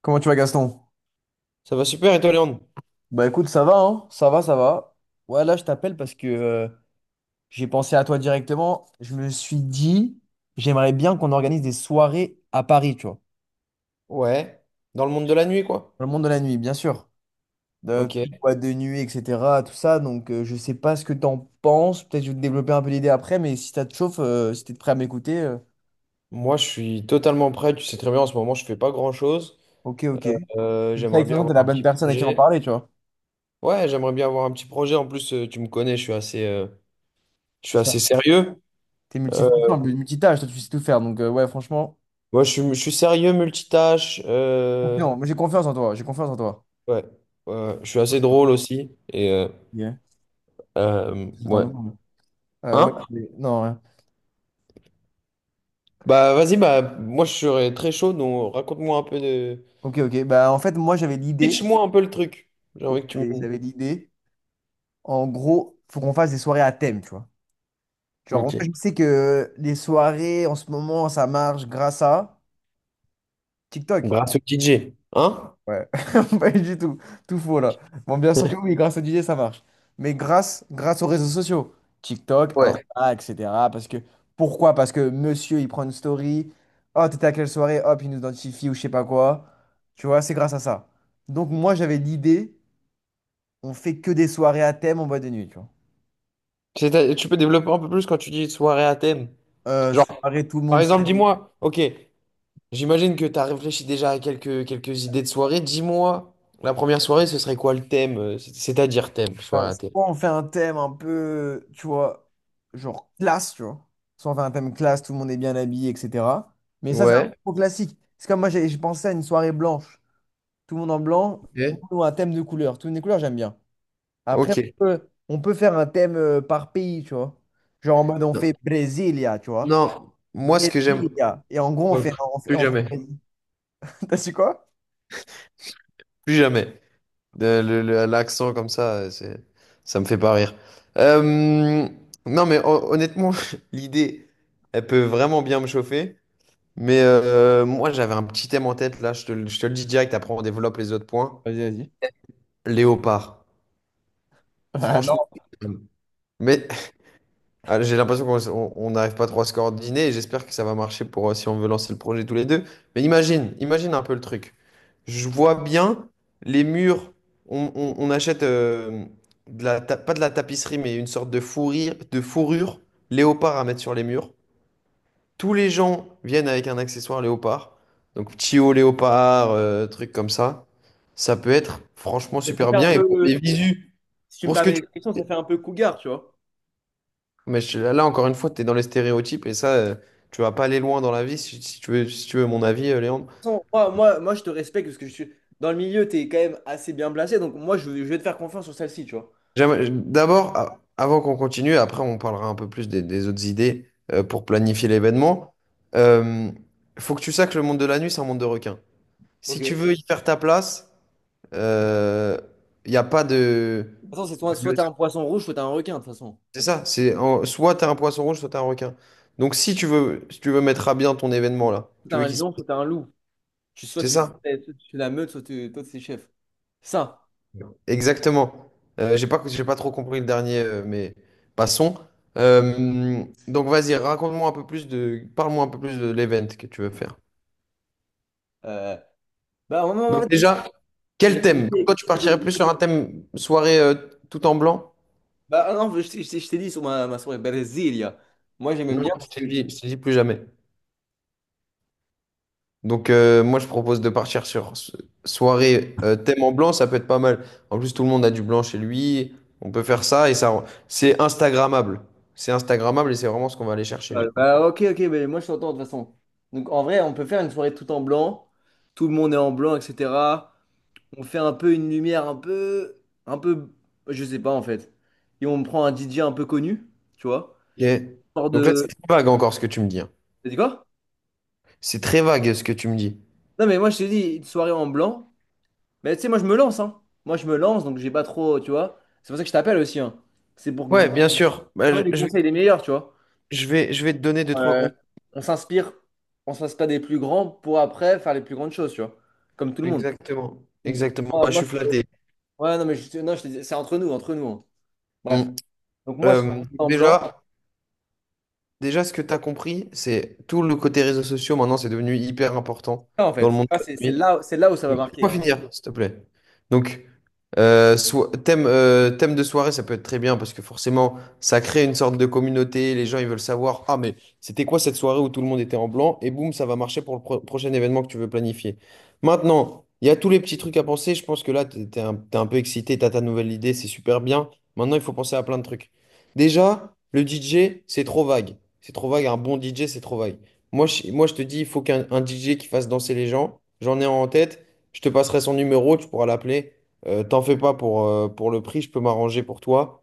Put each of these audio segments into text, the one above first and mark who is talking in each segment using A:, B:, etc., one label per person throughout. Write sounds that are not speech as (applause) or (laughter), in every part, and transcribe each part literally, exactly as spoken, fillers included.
A: Comment tu vas, Gaston?
B: Ça va super, et toi, Léandre?
A: Bah écoute, ça va, hein? Ça va, ça va. Ouais, là, je t'appelle parce que euh, j'ai pensé à toi directement. Je me suis dit, j'aimerais bien qu'on organise des soirées à Paris, tu vois.
B: Ouais. Dans le monde de la nuit, quoi.
A: Dans le monde de la nuit, bien sûr. De
B: Ok.
A: plus de boîtes de nuit, et cetera. Tout ça. Donc, euh, je sais pas ce que t'en penses. Peut-être que je vais te développer un peu l'idée après, mais si ça te chauffe, euh, si t'es prêt à m'écouter, euh,
B: Moi, je suis totalement prêt. Tu sais très bien, en ce moment, je fais pas grand-chose.
A: ok, ok.
B: Euh,
A: Comme ça,
B: j'aimerais
A: de
B: bien
A: façon, t'es
B: avoir
A: la
B: un
A: bonne
B: petit
A: personne à qui en
B: projet.
A: parler, tu vois.
B: Ouais, j'aimerais bien avoir un petit projet. En plus, euh, tu me connais, je suis assez, euh, je
A: C'est
B: suis
A: ça.
B: assez sérieux.
A: T'es
B: Euh,
A: multifonction, multitâche, toi, tu sais tout faire. Donc, euh, ouais, franchement,
B: Moi, je suis, je suis sérieux, multitâche. Euh,
A: confiant. Moi, j'ai confiance en toi. J'ai confiance en toi.
B: ouais. Ouais. Je suis assez drôle aussi. Et euh,
A: Ok.
B: euh,
A: J'attends
B: ouais.
A: de voir. Euh, ouais,
B: Hein?
A: mais- non, rien.
B: Bah, vas-y, bah, moi, je serais très chaud. Donc, raconte-moi un peu de.
A: Ok, ok. Bah, en fait, moi, j'avais l'idée.
B: Pitch-moi un peu le truc. J'ai
A: Ok,
B: envie que tu me.
A: j'avais l'idée. En gros, faut qu'on fasse des soirées à thème, tu vois. Genre, moi,
B: Ok.
A: je sais que les soirées, en ce moment, ça marche grâce à TikTok.
B: Grâce au D J. Hein?
A: Ouais, (laughs) pas du tout. Tout faux là. Bon, bien sûr que oui, grâce à D J, ça marche. Mais grâce, grâce aux réseaux sociaux, TikTok,
B: Ouais.
A: Insta, et cetera. Parce que, pourquoi? Parce que monsieur, il prend une story. Oh, t'étais à quelle soirée? Hop, il nous identifie ou je sais pas quoi. Tu vois, c'est grâce à ça. Donc, moi, j'avais l'idée, on fait que des soirées à thème en boîte de nuit, tu vois.
B: (laughs) C'est- Tu peux développer un peu plus quand tu dis soirée à thème.
A: Euh,
B: Genre,
A: soirée, tout le
B: par
A: monde
B: exemple,
A: s'habille.
B: dis-moi, ok, j'imagine que tu as réfléchi déjà à quelques, quelques idées de soirée. Dis-moi, la première soirée, ce serait quoi le thème? euh, c'est- C'est-à-dire thème, soirée
A: Enfin,
B: à thème.
A: soit on fait un thème un peu, tu vois, genre classe, tu vois. Soit on fait un thème classe, tout le monde est bien habillé, et cetera. Mais ça, c'est un
B: Ouais.
A: peu classique. C'est comme moi, j'ai j'ai pensé à une soirée blanche. Tout le monde en blanc, tout
B: Ok.
A: le monde a un thème de couleur. Toutes les couleurs, j'aime bien. Après,
B: Ok.
A: on peut, on peut faire un thème euh, par pays, tu vois. Genre en mode, on fait
B: Non,
A: Brasilia, tu vois.
B: non, moi, ce que j'aime.
A: Brasilia. Et en gros, on
B: Ouais,
A: fait. On fait,
B: Plus
A: on fait.
B: jamais.
A: (laughs) T'as su quoi?
B: Plus jamais. De- le- le- L'accent comme ça, euh, c'est, ça me fait pas rire. Euh, non, mais hon- honnêtement, (laughs) l'idée, elle peut vraiment bien me chauffer. Mais euh, moi, j'avais un petit thème en tête, là, je te, le je te le dis direct, après on développe les autres points.
A: Vas-y, vas-y.
B: Léopard.
A: (laughs) Ah non.
B: Franchement, mais (laughs) ah, j'ai l'impression qu'on on- on n'arrive pas trop à se coordonner et j'espère que ça va marcher pour euh, si on veut lancer le projet tous les deux. Mais imagine, imagine un peu le truc. Je vois bien les murs, on, on- on achète euh, de la ta- pas de la tapisserie, mais une sorte de fourrure, de fourrure léopard à mettre sur les murs. Tous les gens viennent avec un accessoire léopard. Donc, Tio léopard, euh, truc comme ça. Ça peut être franchement super bien. Et pour les visus, pour ce que tu... Mais je- là, encore une fois, tu es dans les stéréotypes et ça, euh, tu vas pas aller loin dans la vie si, si tu veux, si tu veux mon avis, euh, Léandre.
A: De toute façon, moi, moi, moi, je te respecte parce que je suis dans le milieu, tu es quand même assez bien placé. Donc, moi, je, je vais te faire confiance sur celle-ci, tu vois.
B: J'aimerais- D'abord, a- avant qu'on continue, après, on parlera un peu plus des, des autres idées euh, pour planifier l'événement. Euh, Faut que tu saches que le monde de la nuit, c'est un monde de requins.
A: Ok.
B: Si
A: De
B: tu
A: toute
B: veux y faire ta place, il n'y a pas de...
A: façon, c'est soit, soit
B: Le-
A: t'es un poisson rouge, soit t'es un requin, de toute façon.
B: C'est ça, c'est en- soit t'as un poisson rouge, soit t'as un requin. Donc si tu veux, si tu veux mettre à bien ton événement là,
A: Soit t'es
B: tu veux
A: un
B: qu'il se...
A: lion, soit t'es un loup. Tu, soit
B: C'est
A: tu,
B: ça?
A: tu, tu la meute, soit tu- toi, t'es chef. Ça.
B: Exactement. Euh, j'ai pas, j'ai pas trop compris le dernier, euh, mais passons. Euh, donc vas-y, raconte-moi un peu plus de, parle-moi un peu plus de l'event que tu veux faire.
A: Euh, bah, on-
B: Donc
A: on-
B: déjà, quel thème? Toi,
A: J'habitais-
B: tu partirais plus sur un thème soirée euh, tout en blanc?
A: bah ah non, je, t'ai je t'ai- je t'ai dit sur ma, ma soirée Brasilia. Moi j'aimais bien
B: Non, je
A: parce
B: t'ai
A: que. je-
B: dit, je t'ai dit plus jamais. Donc, euh, moi, je propose de partir sur so- soirée euh, thème en blanc, ça peut être pas mal. En plus, tout le monde a du blanc chez lui. On peut faire ça et ça, c'est Instagrammable. C'est Instagrammable et c'est vraiment ce qu'on va aller chercher
A: Ah,
B: du coup.
A: bah ok, ok, mais moi je t'entends de toute façon. Donc en vrai, on peut faire une soirée tout en blanc. Tout le monde est en blanc, et cetera. On fait un peu une lumière un peu. Un peu. Je sais pas en fait. Et on prend un D J un peu connu, tu vois.
B: Ok.
A: Hors
B: Donc là, c'est
A: de.
B: très vague encore ce que tu me dis. Hein.
A: T'as dit quoi?
B: C'est très vague ce que tu me dis.
A: Non mais moi je t'ai dit une soirée en blanc. Mais tu sais, moi je me lance, hein. Moi je me lance donc j'ai pas trop, tu vois. C'est pour ça que je t'appelle aussi, hein. C'est pour que du
B: Ouais,
A: coup,
B: bien sûr. Bah, je,
A: les
B: je vais,
A: conseils les meilleurs, tu vois.
B: je vais, je vais te donner deux, trois
A: euh,
B: comptes.
A: on s'inspire, on s'inspire des plus grands pour après faire les plus grandes choses, tu vois. Comme tout le monde.
B: Exactement.
A: Donc,
B: Exactement.
A: ah,
B: Bah, je
A: moi-
B: suis flatté.
A: ouais, non, mais je, non, je te dis, c'est entre nous, entre nous. Hein. Bref.
B: Mm.
A: Donc moi, sur
B: Euh,
A: en blanc,
B: déjà, déjà, ce que tu as compris, c'est tout le côté réseaux sociaux, maintenant, c'est devenu hyper important
A: ça, en
B: dans
A: fait,
B: le monde.
A: ça,
B: De
A: c'est c'est
B: la nuit.
A: là, c'est là où ça va
B: Laisse-moi
A: marquer.
B: finir, s'il te plaît. Donc, euh, so- thème, euh, thème de soirée, ça peut être très bien parce que forcément, ça crée une sorte de communauté. Les gens, ils veulent savoir, ah, mais c'était quoi cette soirée où tout le monde était en blanc? Et boum, ça va marcher pour le pro- prochain événement que tu veux planifier. Maintenant, il y a tous les petits trucs à penser. Je pense que là, t'es t'es un, t'es un peu excité, t'as ta nouvelle idée, c'est super bien. Maintenant, il faut penser à plein de trucs. Déjà, le D J, c'est trop vague. C'est trop vague. Un bon D J, c'est trop vague. Moi, je, moi, je te dis, il faut qu'un un D J qui fasse danser les gens. J'en ai un en tête. Je te passerai son numéro, tu pourras l'appeler. Euh, t'en fais pas pour, euh, pour le prix, je peux m'arranger pour toi.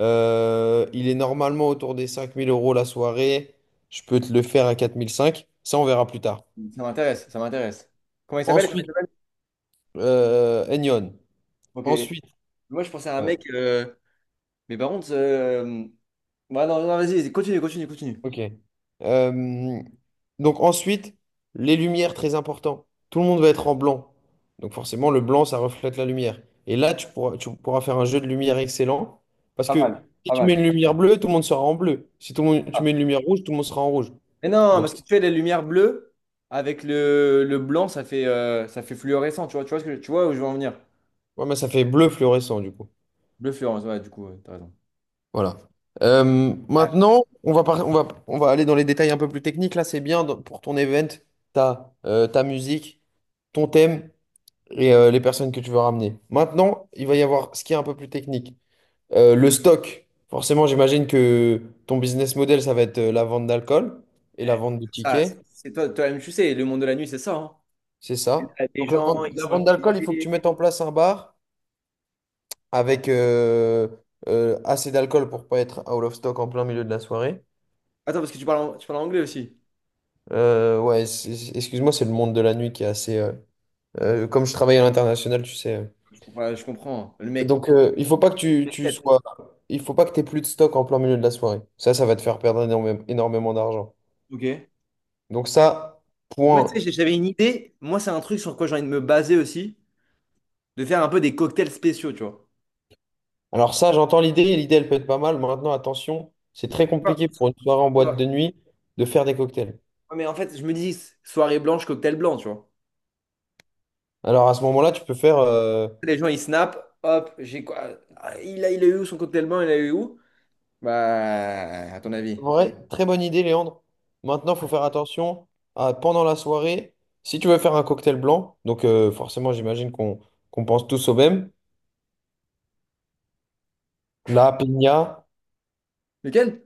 B: Euh, il est normalement autour des cinq mille euros la soirée. Je peux te le faire à quatre mille cinq. Ça, on verra plus tard.
A: Ça m'intéresse, ça m'intéresse. Comment il s'appelle? Comment il
B: Ensuite,
A: s'appelle
B: euh, Enyon.
A: Ok.
B: Ensuite,
A: Moi, je pensais à un
B: euh,
A: mec, euh, mais par contre, euh, ouais, non, non, vas-y, vas-y, continue, continue, continue.
B: Ok. Euh, donc ensuite, les lumières, très important. Tout le monde va être en blanc. Donc forcément, le blanc, ça reflète la lumière. Et là, tu pourras, tu pourras faire un jeu de lumière excellent. Parce
A: Pas mal,
B: que si
A: pas
B: tu mets une
A: mal.
B: lumière bleue, tout le monde sera en bleu. Si tout le monde- tu
A: Ah.
B: mets une lumière rouge, tout le monde sera en rouge.
A: Mais non,
B: Donc
A: parce que tu fais les lumières bleues avec le, le blanc, ça fait, euh, ça fait fluorescent, tu vois, tu vois ce que, tu vois où je veux en venir.
B: ouais, mais ça fait bleu fluorescent du coup.
A: Bleu Florence, ouais, du coup, ouais, t'as raison.
B: Voilà. Euh,
A: Ah,
B: maintenant, on va, par- on va, on va aller dans les détails un peu plus techniques. Là, c'est bien dans- pour ton event, ta, euh, ta musique, ton thème. Et euh, les personnes que tu veux ramener. Maintenant, il va y avoir ce qui est un peu plus technique. Euh, le stock. Forcément, j'imagine que ton business model, ça va être euh, la vente d'alcool et la
A: ouais,
B: vente de
A: ça, ça,
B: tickets.
A: c'est c'est toi, toi-même, tu sais, le monde de la nuit, c'est ça, hein?
B: C'est ça.
A: C'est des
B: Donc la
A: gens,
B: vente,
A: ils
B: la
A: sont
B: vente d'alcool, il faut que tu
A: activés.
B: mettes en place un bar avec euh, euh, assez d'alcool pour pas être out of stock en plein milieu de la soirée.
A: Attends, parce que tu parles, en- tu parles anglais aussi.
B: Euh, ouais, c'est- excuse-moi, c'est le monde de la nuit qui est assez... euh, euh, comme je travaille à l'international, tu sais. euh,
A: Je comprends, je comprends. Hein, le mec.
B: Donc, euh, il faut pas que tu, tu sois. Il faut pas que tu aies plus de stock en plein milieu de la soirée. Ça, ça va te faire perdre énorme- énormément d'argent.
A: Ok.
B: Donc, ça,
A: Moi, tu sais,
B: point.
A: j'ai- j'avais une idée. Moi, c'est un truc sur quoi j'ai envie de me baser aussi, de faire un peu des cocktails spéciaux, tu vois.
B: Alors, ça, j'entends l'idée. L'idée, elle peut être pas mal. Maintenant, attention, c'est très
A: Quoi,
B: compliqué pour une soirée en boîte
A: quoi,
B: de nuit de faire des cocktails.
A: Ouais, mais en fait, je me dis, soirée blanche, cocktail blanc, tu vois.
B: Alors, à ce moment-là, tu peux faire. euh,
A: Les gens, ils snap, hop, j'ai quoi? Ah, Il a, il a eu où son cocktail blanc, il a eu où? Bah, à ton avis.
B: Vrai, très bonne idée, Léandre. Maintenant, il faut faire attention à, pendant la soirée. Si tu veux faire un cocktail blanc, donc euh, forcément, j'imagine qu'on qu'on pense tous au même, la piña,
A: Lequel?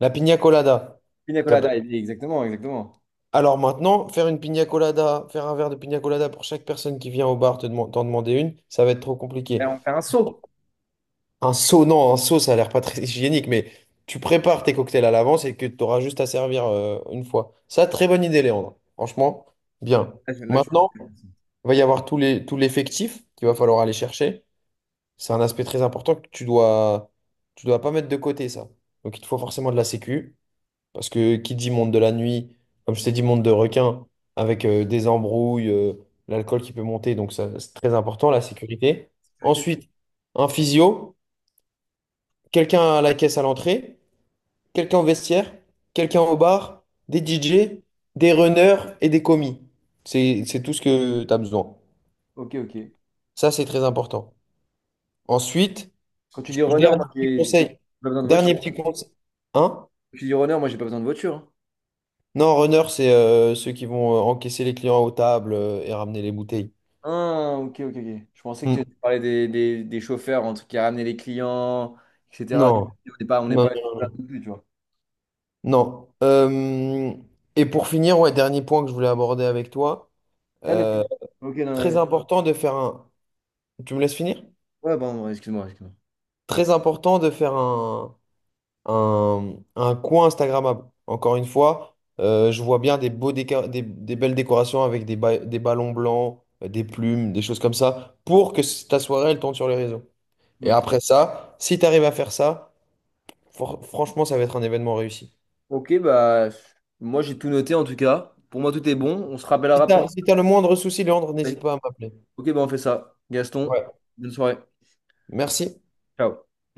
B: la piña colada.
A: Pina colada, il dit, exactement, exactement.
B: Alors maintenant, faire une pina colada, faire un verre de pina colada pour chaque personne qui vient au bar te deman- t'en demander une, ça va être trop
A: Et
B: compliqué.
A: on fait un saut.
B: Un seau, non, un seau, ça a l'air pas très (laughs) hygiénique, mais tu prépares tes cocktails à l'avance et que tu auras juste à servir euh, une fois. Ça, très bonne idée, Léandre. Franchement, bien.
A: Là, je- là, je-
B: Maintenant, il va y avoir tous les, tout l'effectif qu'il va falloir aller chercher. C'est un aspect très important que tu dois, tu dois pas mettre de côté, ça. Donc il te faut forcément de la sécu. Parce que qui dit monde de la nuit, comme je t'ai dit, monde de requin, avec euh, des embrouilles, euh, l'alcool qui peut monter, donc ça, c'est très important, la sécurité.
A: sécurité.
B: Ensuite, un physio, quelqu'un à la caisse à l'entrée, quelqu'un au vestiaire, quelqu'un au bar, des D J, des runners et des commis. C'est, c'est tout ce que tu as besoin.
A: Ok, ok.
B: Ça, c'est très important. Ensuite,
A: Quand tu
B: je-
A: dis runner,
B: dernier
A: moi,
B: petit
A: j'ai j'ai
B: conseil.
A: pas besoin de
B: Dernier
A: voiture. Quand
B: petit conseil. Hein?
A: tu dis runner, moi, j'ai pas besoin de voiture.
B: Non, runner, c'est euh, ceux qui vont euh, encaisser les clients aux tables euh, et ramener les bouteilles.
A: Ah, ok, ok, ok. Je pensais que.
B: Mm.
A: Tu parlais des, des, des chauffeurs, en tout cas, ramener les clients, et cetera.
B: Non,
A: On n'est pas, on n'est
B: non,
A: pas
B: non.
A: là non plus, tu vois.
B: Euh, et pour finir, ouais, dernier point que je voulais aborder avec toi.
A: Ah, mais,
B: euh,
A: tu- ok, non,
B: Très
A: mais-
B: important de faire un. Tu me laisses finir?
A: ouais, pardon, excuse-moi, excuse-moi.
B: Très important de faire un, un, un, coin Instagrammable. Encore une fois, euh, je vois bien des beaux déca- des, des belles décorations avec des, ba- des ballons blancs, euh, des plumes, des choses comme ça, pour que c- ta soirée, elle tourne sur les réseaux. Et
A: Ok,
B: après ça, si tu arrives à faire ça, for- franchement, ça va être un événement réussi.
A: ok, bah, moi, j'ai tout noté, en tout cas. Pour moi, tout est bon. On se rappellera
B: Si tu
A: après
B: as, si t'as le moindre souci, Léandre, n'hésite pas à m'appeler.
A: Ok, bah, on fait ça. Gaston,
B: Ouais.
A: bonne soirée.
B: Merci.
A: Ciao.